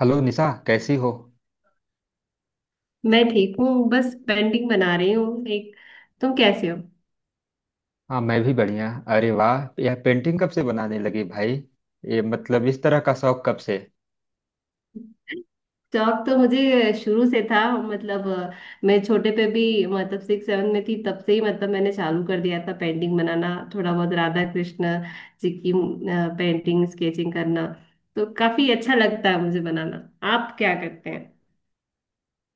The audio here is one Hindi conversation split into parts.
हेलो निशा, कैसी हो? मैं ठीक हूँ, बस पेंटिंग बना रही हूँ एक। तुम कैसे हो? हाँ, मैं भी बढ़िया। अरे वाह, यह पेंटिंग कब से बनाने लगी भाई? ये मतलब इस तरह का शौक कब से? शौक तो मुझे शुरू से था, मतलब मैं छोटे पे भी मतलब सिक्स सेवन में थी, तब से ही मतलब मैंने चालू कर दिया था पेंटिंग बनाना। थोड़ा बहुत राधा कृष्ण जी की पेंटिंग, स्केचिंग करना तो काफी अच्छा लगता है मुझे बनाना। आप क्या करते हैं?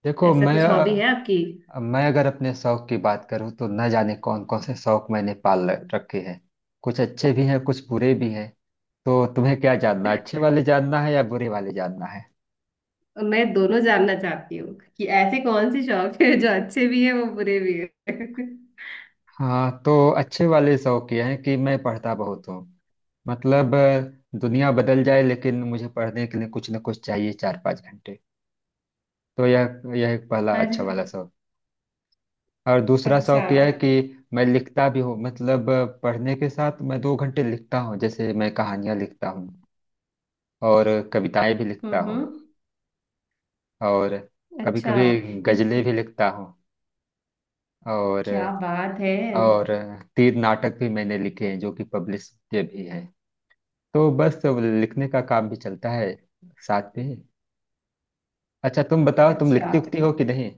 देखो, ऐसा कुछ हॉबी है आपकी? मैं अगर अपने शौक की बात करूँ तो न जाने कौन कौन से शौक मैंने रखे हैं। कुछ अच्छे भी हैं कुछ बुरे भी हैं। तो तुम्हें क्या जानना, अच्छे वाले जानना है या बुरे वाले जानना है? मैं दोनों जानना चाहती हूँ कि ऐसे कौन से शौक है जो अच्छे भी है वो बुरे भी है। हाँ तो, अच्छे वाले शौक ये हैं कि मैं पढ़ता बहुत हूँ। मतलब दुनिया बदल जाए लेकिन मुझे पढ़ने के लिए कुछ न कुछ चाहिए, 4 5 घंटे। तो यह एक पहला अरे। अच्छा वाला शौक। और दूसरा अच्छा। शौक यह है कि मैं लिखता भी हूँ। मतलब पढ़ने के साथ मैं 2 घंटे लिखता हूँ, जैसे मैं कहानियाँ लिखता हूँ और कविताएं भी लिखता हूँ। हम्म। और कभी अच्छा। कभी ये गजलें भी लिखता हूँ। और क्या बात है! और तीन नाटक भी मैंने लिखे हैं जो कि पब्लिश किए भी हैं। तो बस लिखने का काम भी चलता है साथ में। अच्छा तुम बताओ, तुम अच्छा। लिखती उखती हो कि नहीं?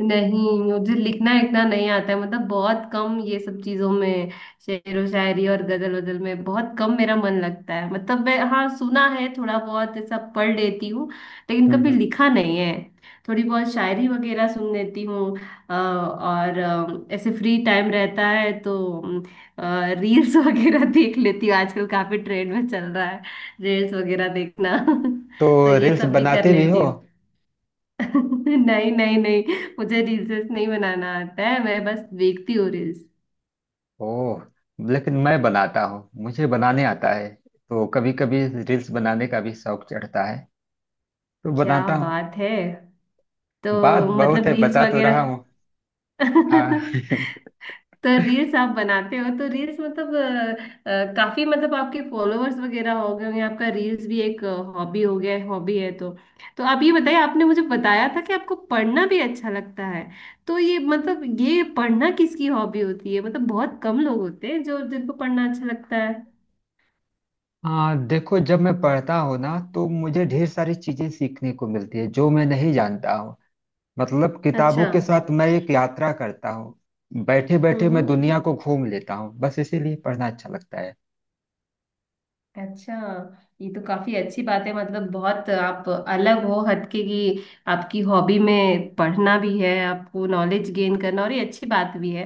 नहीं, मुझे लिखना लिखना नहीं आता है, मतलब बहुत कम ये सब चीजों में। शेर व शायरी और गजल वजल में बहुत कम मेरा मन लगता है, मतलब मैं, हाँ, सुना है, थोड़ा बहुत ऐसा पढ़ लेती हूँ, लेकिन हम्म कभी हम्म। लिखा नहीं है। थोड़ी बहुत शायरी वगैरह सुन लेती हूँ। और ऐसे फ्री टाइम रहता है तो रील्स वगैरह देख लेती हूँ। आजकल काफी ट्रेंड में चल रहा है रील्स वगैरह देखना। तो तो ये रील्स सब भी कर बनाते भी हो? लेती हूँ। नहीं, नहीं, नहीं, मुझे रील्स नहीं बनाना आता है, मैं बस देखती हूँ रील्स। ओह। लेकिन मैं बनाता हूँ, मुझे बनाने आता है तो कभी कभी रील्स बनाने का भी शौक चढ़ता है, तो क्या बनाता हूँ। बात है! बात तो बहुत मतलब है, रील्स बता तो रहा वगैरह। हूँ। हाँ। तो रील्स आप बनाते हो तो रील्स मतलब काफी मतलब आपके फॉलोअर्स वगैरह हो गए होंगे। आपका रील्स भी एक हॉबी हो गया, हॉबी है तो। तो आप ये बताइए, आपने मुझे बताया था कि आपको पढ़ना भी अच्छा लगता है। तो ये मतलब ये पढ़ना किसकी हॉबी होती है, मतलब बहुत कम लोग होते हैं जो जिनको पढ़ना अच्छा लगता है। हाँ देखो, जब मैं पढ़ता हूँ ना तो मुझे ढेर सारी चीजें सीखने को मिलती है जो मैं नहीं जानता हूँ। मतलब किताबों अच्छा। के साथ मैं एक यात्रा करता हूँ। बैठे बैठे हम्म मैं हम्म। दुनिया को घूम लेता हूँ, बस इसीलिए पढ़ना अच्छा लगता है। अच्छा। ये तो काफी अच्छी बात है, मतलब बहुत आप अलग हो हटके की। आपकी हॉबी में पढ़ना भी है, आपको नॉलेज गेन करना, और ये अच्छी बात भी है।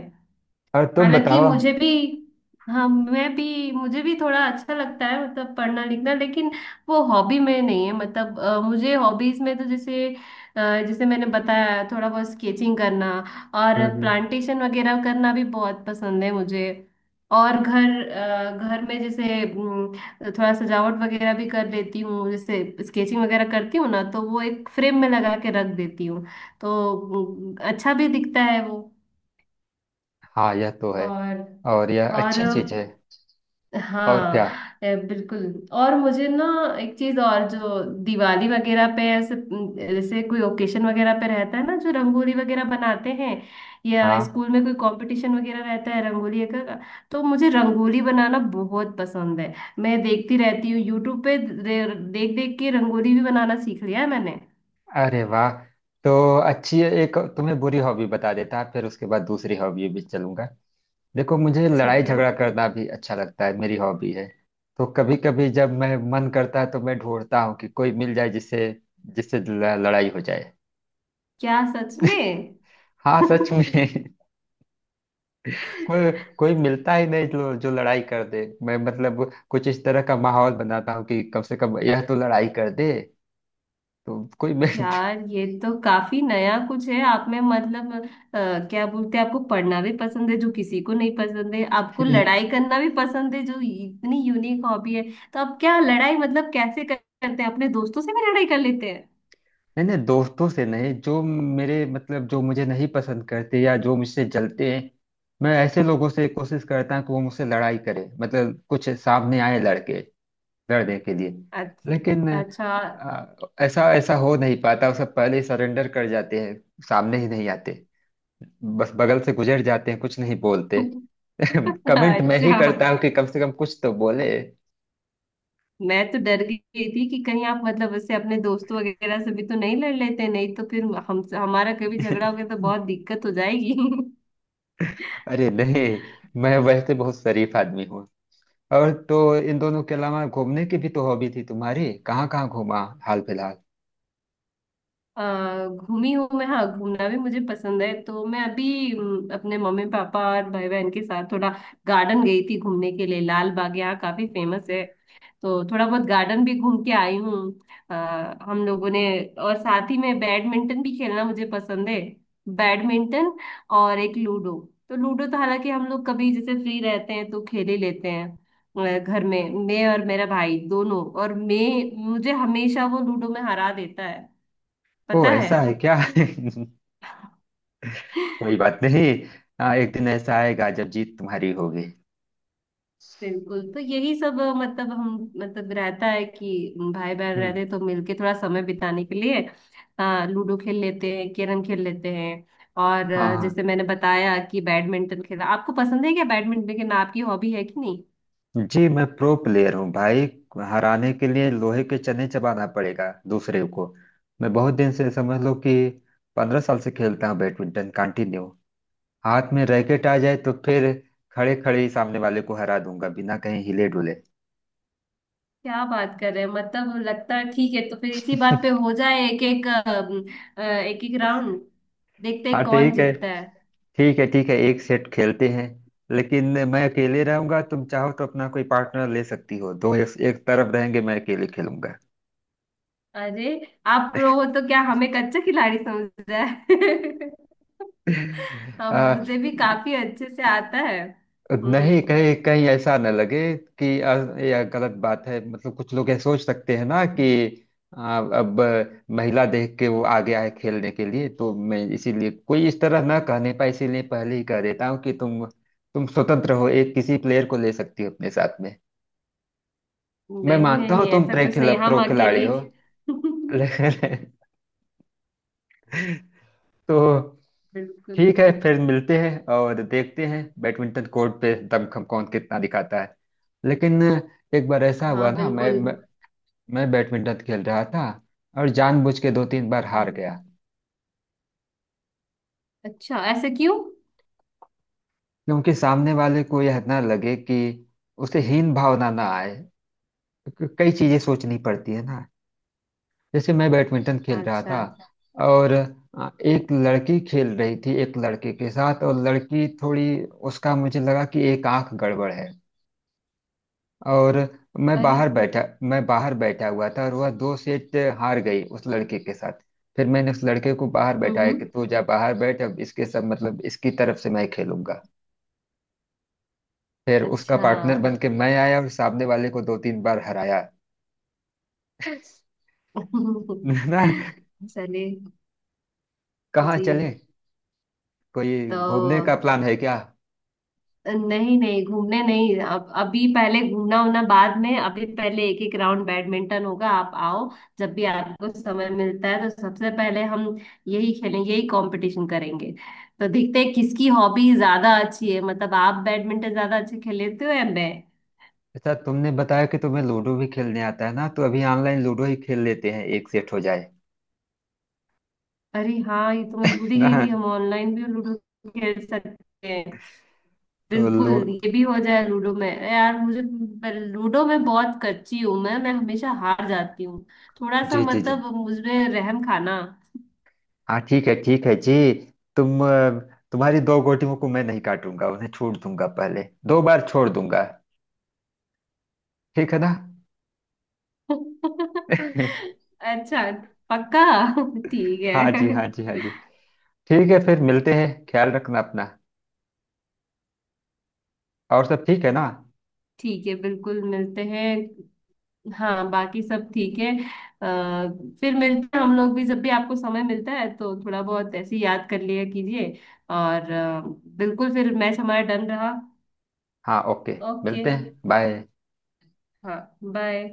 और तुम हालांकि बताओ। मुझे भी, हाँ, मैं भी मुझे भी थोड़ा अच्छा लगता है मतलब पढ़ना लिखना, लेकिन वो हॉबी में नहीं है। मतलब मुझे हॉबीज में तो जैसे, जैसे मैंने बताया, थोड़ा बहुत स्केचिंग करना और हम्म। प्लांटेशन वगैरह करना भी बहुत पसंद है मुझे। और घर घर में जैसे थोड़ा सजावट वगैरह भी कर लेती हूँ। जैसे स्केचिंग वगैरह करती हूँ ना, तो वो एक फ्रेम में लगा के रख देती हूँ, तो अच्छा भी दिखता है वो। हाँ, यह तो है। और और यह और अच्छी चीज है। और हाँ, क्या? बिल्कुल। और मुझे ना एक चीज और जो, दिवाली वगैरह पे ऐसे जैसे कोई ओकेशन वगैरह पे रहता है ना जो रंगोली वगैरह बनाते हैं, या हाँ। स्कूल में कोई कंपटीशन वगैरह रहता है रंगोली का, तो मुझे रंगोली बनाना बहुत पसंद है। मैं देखती रहती हूँ यूट्यूब पे, देख देख के रंगोली भी बनाना सीख लिया है मैंने। अरे वाह। तो अच्छी है, एक तुम्हें बुरी हॉबी बता देता फिर उसके बाद दूसरी हॉबी भी चलूंगा। देखो, मुझे लड़ाई ठीक है। झगड़ा करना भी अच्छा लगता है, मेरी हॉबी है। तो कभी कभी जब मैं मन करता है तो मैं ढूंढता हूँ कि कोई मिल जाए जिससे जिससे ल- लड़ाई हो जाए। क्या, सच में? हाँ सच में। कोई कोई मिलता ही नहीं जो जो लड़ाई कर दे। मैं मतलब कुछ इस तरह का माहौल बनाता हूँ कि कम से कम यह तो लड़ाई कर दे। तो कोई मिल... यार, ये तो काफी नया कुछ है आप में, मतलब क्या बोलते हैं, आपको पढ़ना भी पसंद है जो किसी को नहीं पसंद है, आपको लड़ाई करना भी पसंद है, जो इतनी यूनिक हॉबी है। तो आप क्या लड़ाई मतलब कैसे करते हैं? अपने दोस्तों से भी लड़ाई कर लेते हैं? नहीं नहीं, दोस्तों से नहीं। जो मेरे मतलब जो मुझे नहीं पसंद करते या जो मुझसे जलते हैं, मैं ऐसे लोगों से कोशिश करता हूँ कि वो मुझसे लड़ाई करे। मतलब कुछ सामने आए लड़के, लड़ने के लिए। लेकिन अच्छा, अच्छा। आ, ऐसा ऐसा हो नहीं पाता, वो सब पहले सरेंडर कर जाते हैं। सामने ही नहीं आते, बस बगल से गुजर जाते हैं, कुछ नहीं बोलते। कमेंट मैं ही अच्छा, करता हूँ कि कम से कम कुछ तो बोले। मैं तो डर गई थी कि कहीं आप मतलब उससे अपने दोस्तों वगैरह से भी तो नहीं लड़ लेते, नहीं तो फिर हम हमारा कभी झगड़ा हो गया तो बहुत दिक्कत हो जाएगी। अरे नहीं, मैं वैसे बहुत शरीफ आदमी हूँ। और तो इन दोनों के अलावा घूमने की भी तो हॉबी थी तुम्हारी, कहाँ कहाँ घूमा हाल फिलहाल? घूमी हूँ मैं, हाँ, घूमना भी मुझे पसंद है। तो मैं अभी अपने मम्मी पापा और भाई बहन के साथ थोड़ा गार्डन गई थी घूमने के लिए। लाल बाग यहाँ काफी फेमस है, तो थोड़ा बहुत गार्डन भी घूम के आई हूँ। आ, हम लोगों ने, और साथ ही में बैडमिंटन भी खेलना मुझे पसंद है, बैडमिंटन, और एक लूडो। तो लूडो तो हालांकि हम लोग कभी जैसे फ्री रहते हैं तो खेल ही लेते हैं। घर में मैं और मेरा भाई दोनों, और मैं मुझे हमेशा वो लूडो में हरा देता है, ओ, पता है। ऐसा है क्या? कोई बात नहीं। हाँ, एक दिन ऐसा आएगा जब जीत तुम्हारी होगी। बिल्कुल, तो यही सब मतलब हम मतलब रहता है कि भाई बहन हम्म। रहते हैं तो मिलके थोड़ा समय बिताने के लिए लूडो खेल लेते हैं, कैरम खेल लेते हैं। और हाँ हाँ। जैसे मैंने बताया कि बैडमिंटन खेला, आपको पसंद है क्या बैडमिंटन खेलना? आपकी हॉबी है कि नहीं? जी, मैं प्रो प्लेयर हूँ भाई। हराने के लिए लोहे के चने चबाना पड़ेगा दूसरे को। मैं बहुत दिन से, समझ लो कि 15 साल से खेलता हूँ बैडमिंटन कंटिन्यू। हाथ में रैकेट आ जाए तो फिर खड़े खड़े ही सामने वाले को हरा दूंगा, बिना कहीं हिले डुले। क्या बात कर रहे हैं! मतलब लगता है ठीक है, तो फिर इसी बात पे हो जाए, एक एक राउंड, देखते हाँ हैं कौन ठीक है। जीतता है। ठीक है ठीक है, एक सेट खेलते हैं। लेकिन मैं अकेले रहूंगा, तुम चाहो तो अपना कोई पार्टनर ले सकती हो, दो एक, एक तरफ रहेंगे, मैं अकेले खेलूंगा। अरे, आप प्रो हो तो क्या हमें कच्चा खिलाड़ी समझ रहा है? अब मुझे आ, भी काफी अच्छे से आता है। नहीं, हम्म। कहीं कहीं ऐसा न लगे कि यह गलत बात है। मतलब कुछ लोग ये सोच सकते हैं ना कि अब महिला देख के वो आ गया है खेलने के लिए। तो मैं इसीलिए, कोई इस तरह ना कहने पाए इसीलिए, पहले ही कह देता हूँ कि तुम स्वतंत्र हो, एक किसी प्लेयर को ले सकती हो अपने साथ। मैं नहीं मानता हूँ नहीं, तुम ऐसा कुछ नहीं, हम प्रो अकेले खिलाड़ी हो। ही। लेकिन... तो बिल्कुल। ठीक है, फिर मिलते हैं और देखते हैं बैडमिंटन कोर्ट पे दमखम कौन कितना दिखाता है। लेकिन एक बार ऐसा हाँ, हुआ ना, बिल्कुल। मैं बैडमिंटन खेल रहा था, और जानबूझ के दो तीन बार हार गया। अच्छा, ऐसे क्यों? क्योंकि सामने वाले को यह ना लगे कि उसे हीन भावना ना आए। क्योंकि कई चीजें सोचनी पड़ती है ना। जैसे मैं बैडमिंटन खेल रहा अच्छा। था, और एक लड़की खेल रही थी एक लड़के के साथ, और लड़की थोड़ी, उसका मुझे लगा कि एक आंख गड़बड़ है। और मैं अरे। बाहर बैठा मैं बाहर बैठा हुआ था, और वह दो सेट हार गई उस लड़के के साथ। फिर मैंने उस लड़के को बाहर बैठाया कि हम्म। तू जा बाहर बैठ, अब इसके सब मतलब इसकी तरफ से मैं खेलूंगा। फिर उसका अच्छा। पार्टनर बन के मैं आया, और सामने वाले को दो तीन बार हराया। ना? चलिए। कहाँ चले? जी। कोई घूमने का तो प्लान है क्या? नहीं नहीं, घूमने नहीं, अब अभी पहले घूमना होना बाद में, अभी पहले एक एक राउंड बैडमिंटन होगा, आप आओ। जब भी आपको समय मिलता है तो सबसे पहले हम यही खेलेंगे, यही कंपटीशन करेंगे। तो देखते हैं किसकी हॉबी ज्यादा अच्छी है, मतलब आप बैडमिंटन ज्यादा अच्छे खेल लेते हो या मैं। अच्छा, तुमने बताया कि तुम्हें लूडो भी खेलने आता है ना, तो अभी ऑनलाइन लूडो ही खेल लेते हैं, एक सेट हो जाए। अरे हाँ, ये तो मैं भूल ही गई थी, ना? हम ऑनलाइन भी लूडो खेल सकते हैं। तो बिल्कुल, लू... ये भी हो जाए। लूडो में यार मुझे, पर लूडो में बहुत कच्ची हूं मैं, हमेशा हार जाती हूँ। थोड़ा सा जी जी जी। मतलब मुझमें रहम खाना। हाँ ठीक है जी। तुम अ, तुम्हारी दो गोटियों को मैं नहीं काटूंगा, उन्हें छोड़ दूंगा, पहले दो बार छोड़ दूंगा। ठीक है ना? अच्छा, पक्का? ठीक हाँ जी हाँ जी है। हाँ जी। ठीक है, फिर मिलते हैं, ख्याल रखना अपना। और सब ठीक है ना? ठीक है, बिल्कुल, मिलते हैं। हाँ, बाकी सब ठीक है। आ, फिर मिलते हैं हम लोग भी, जब भी आपको समय मिलता है तो थोड़ा बहुत ऐसे ही याद कर लिया कीजिए। और बिल्कुल, फिर मैच हमारा डन रहा। हाँ ओके। ओके। मिलते हैं, बाय। हाँ, बाय।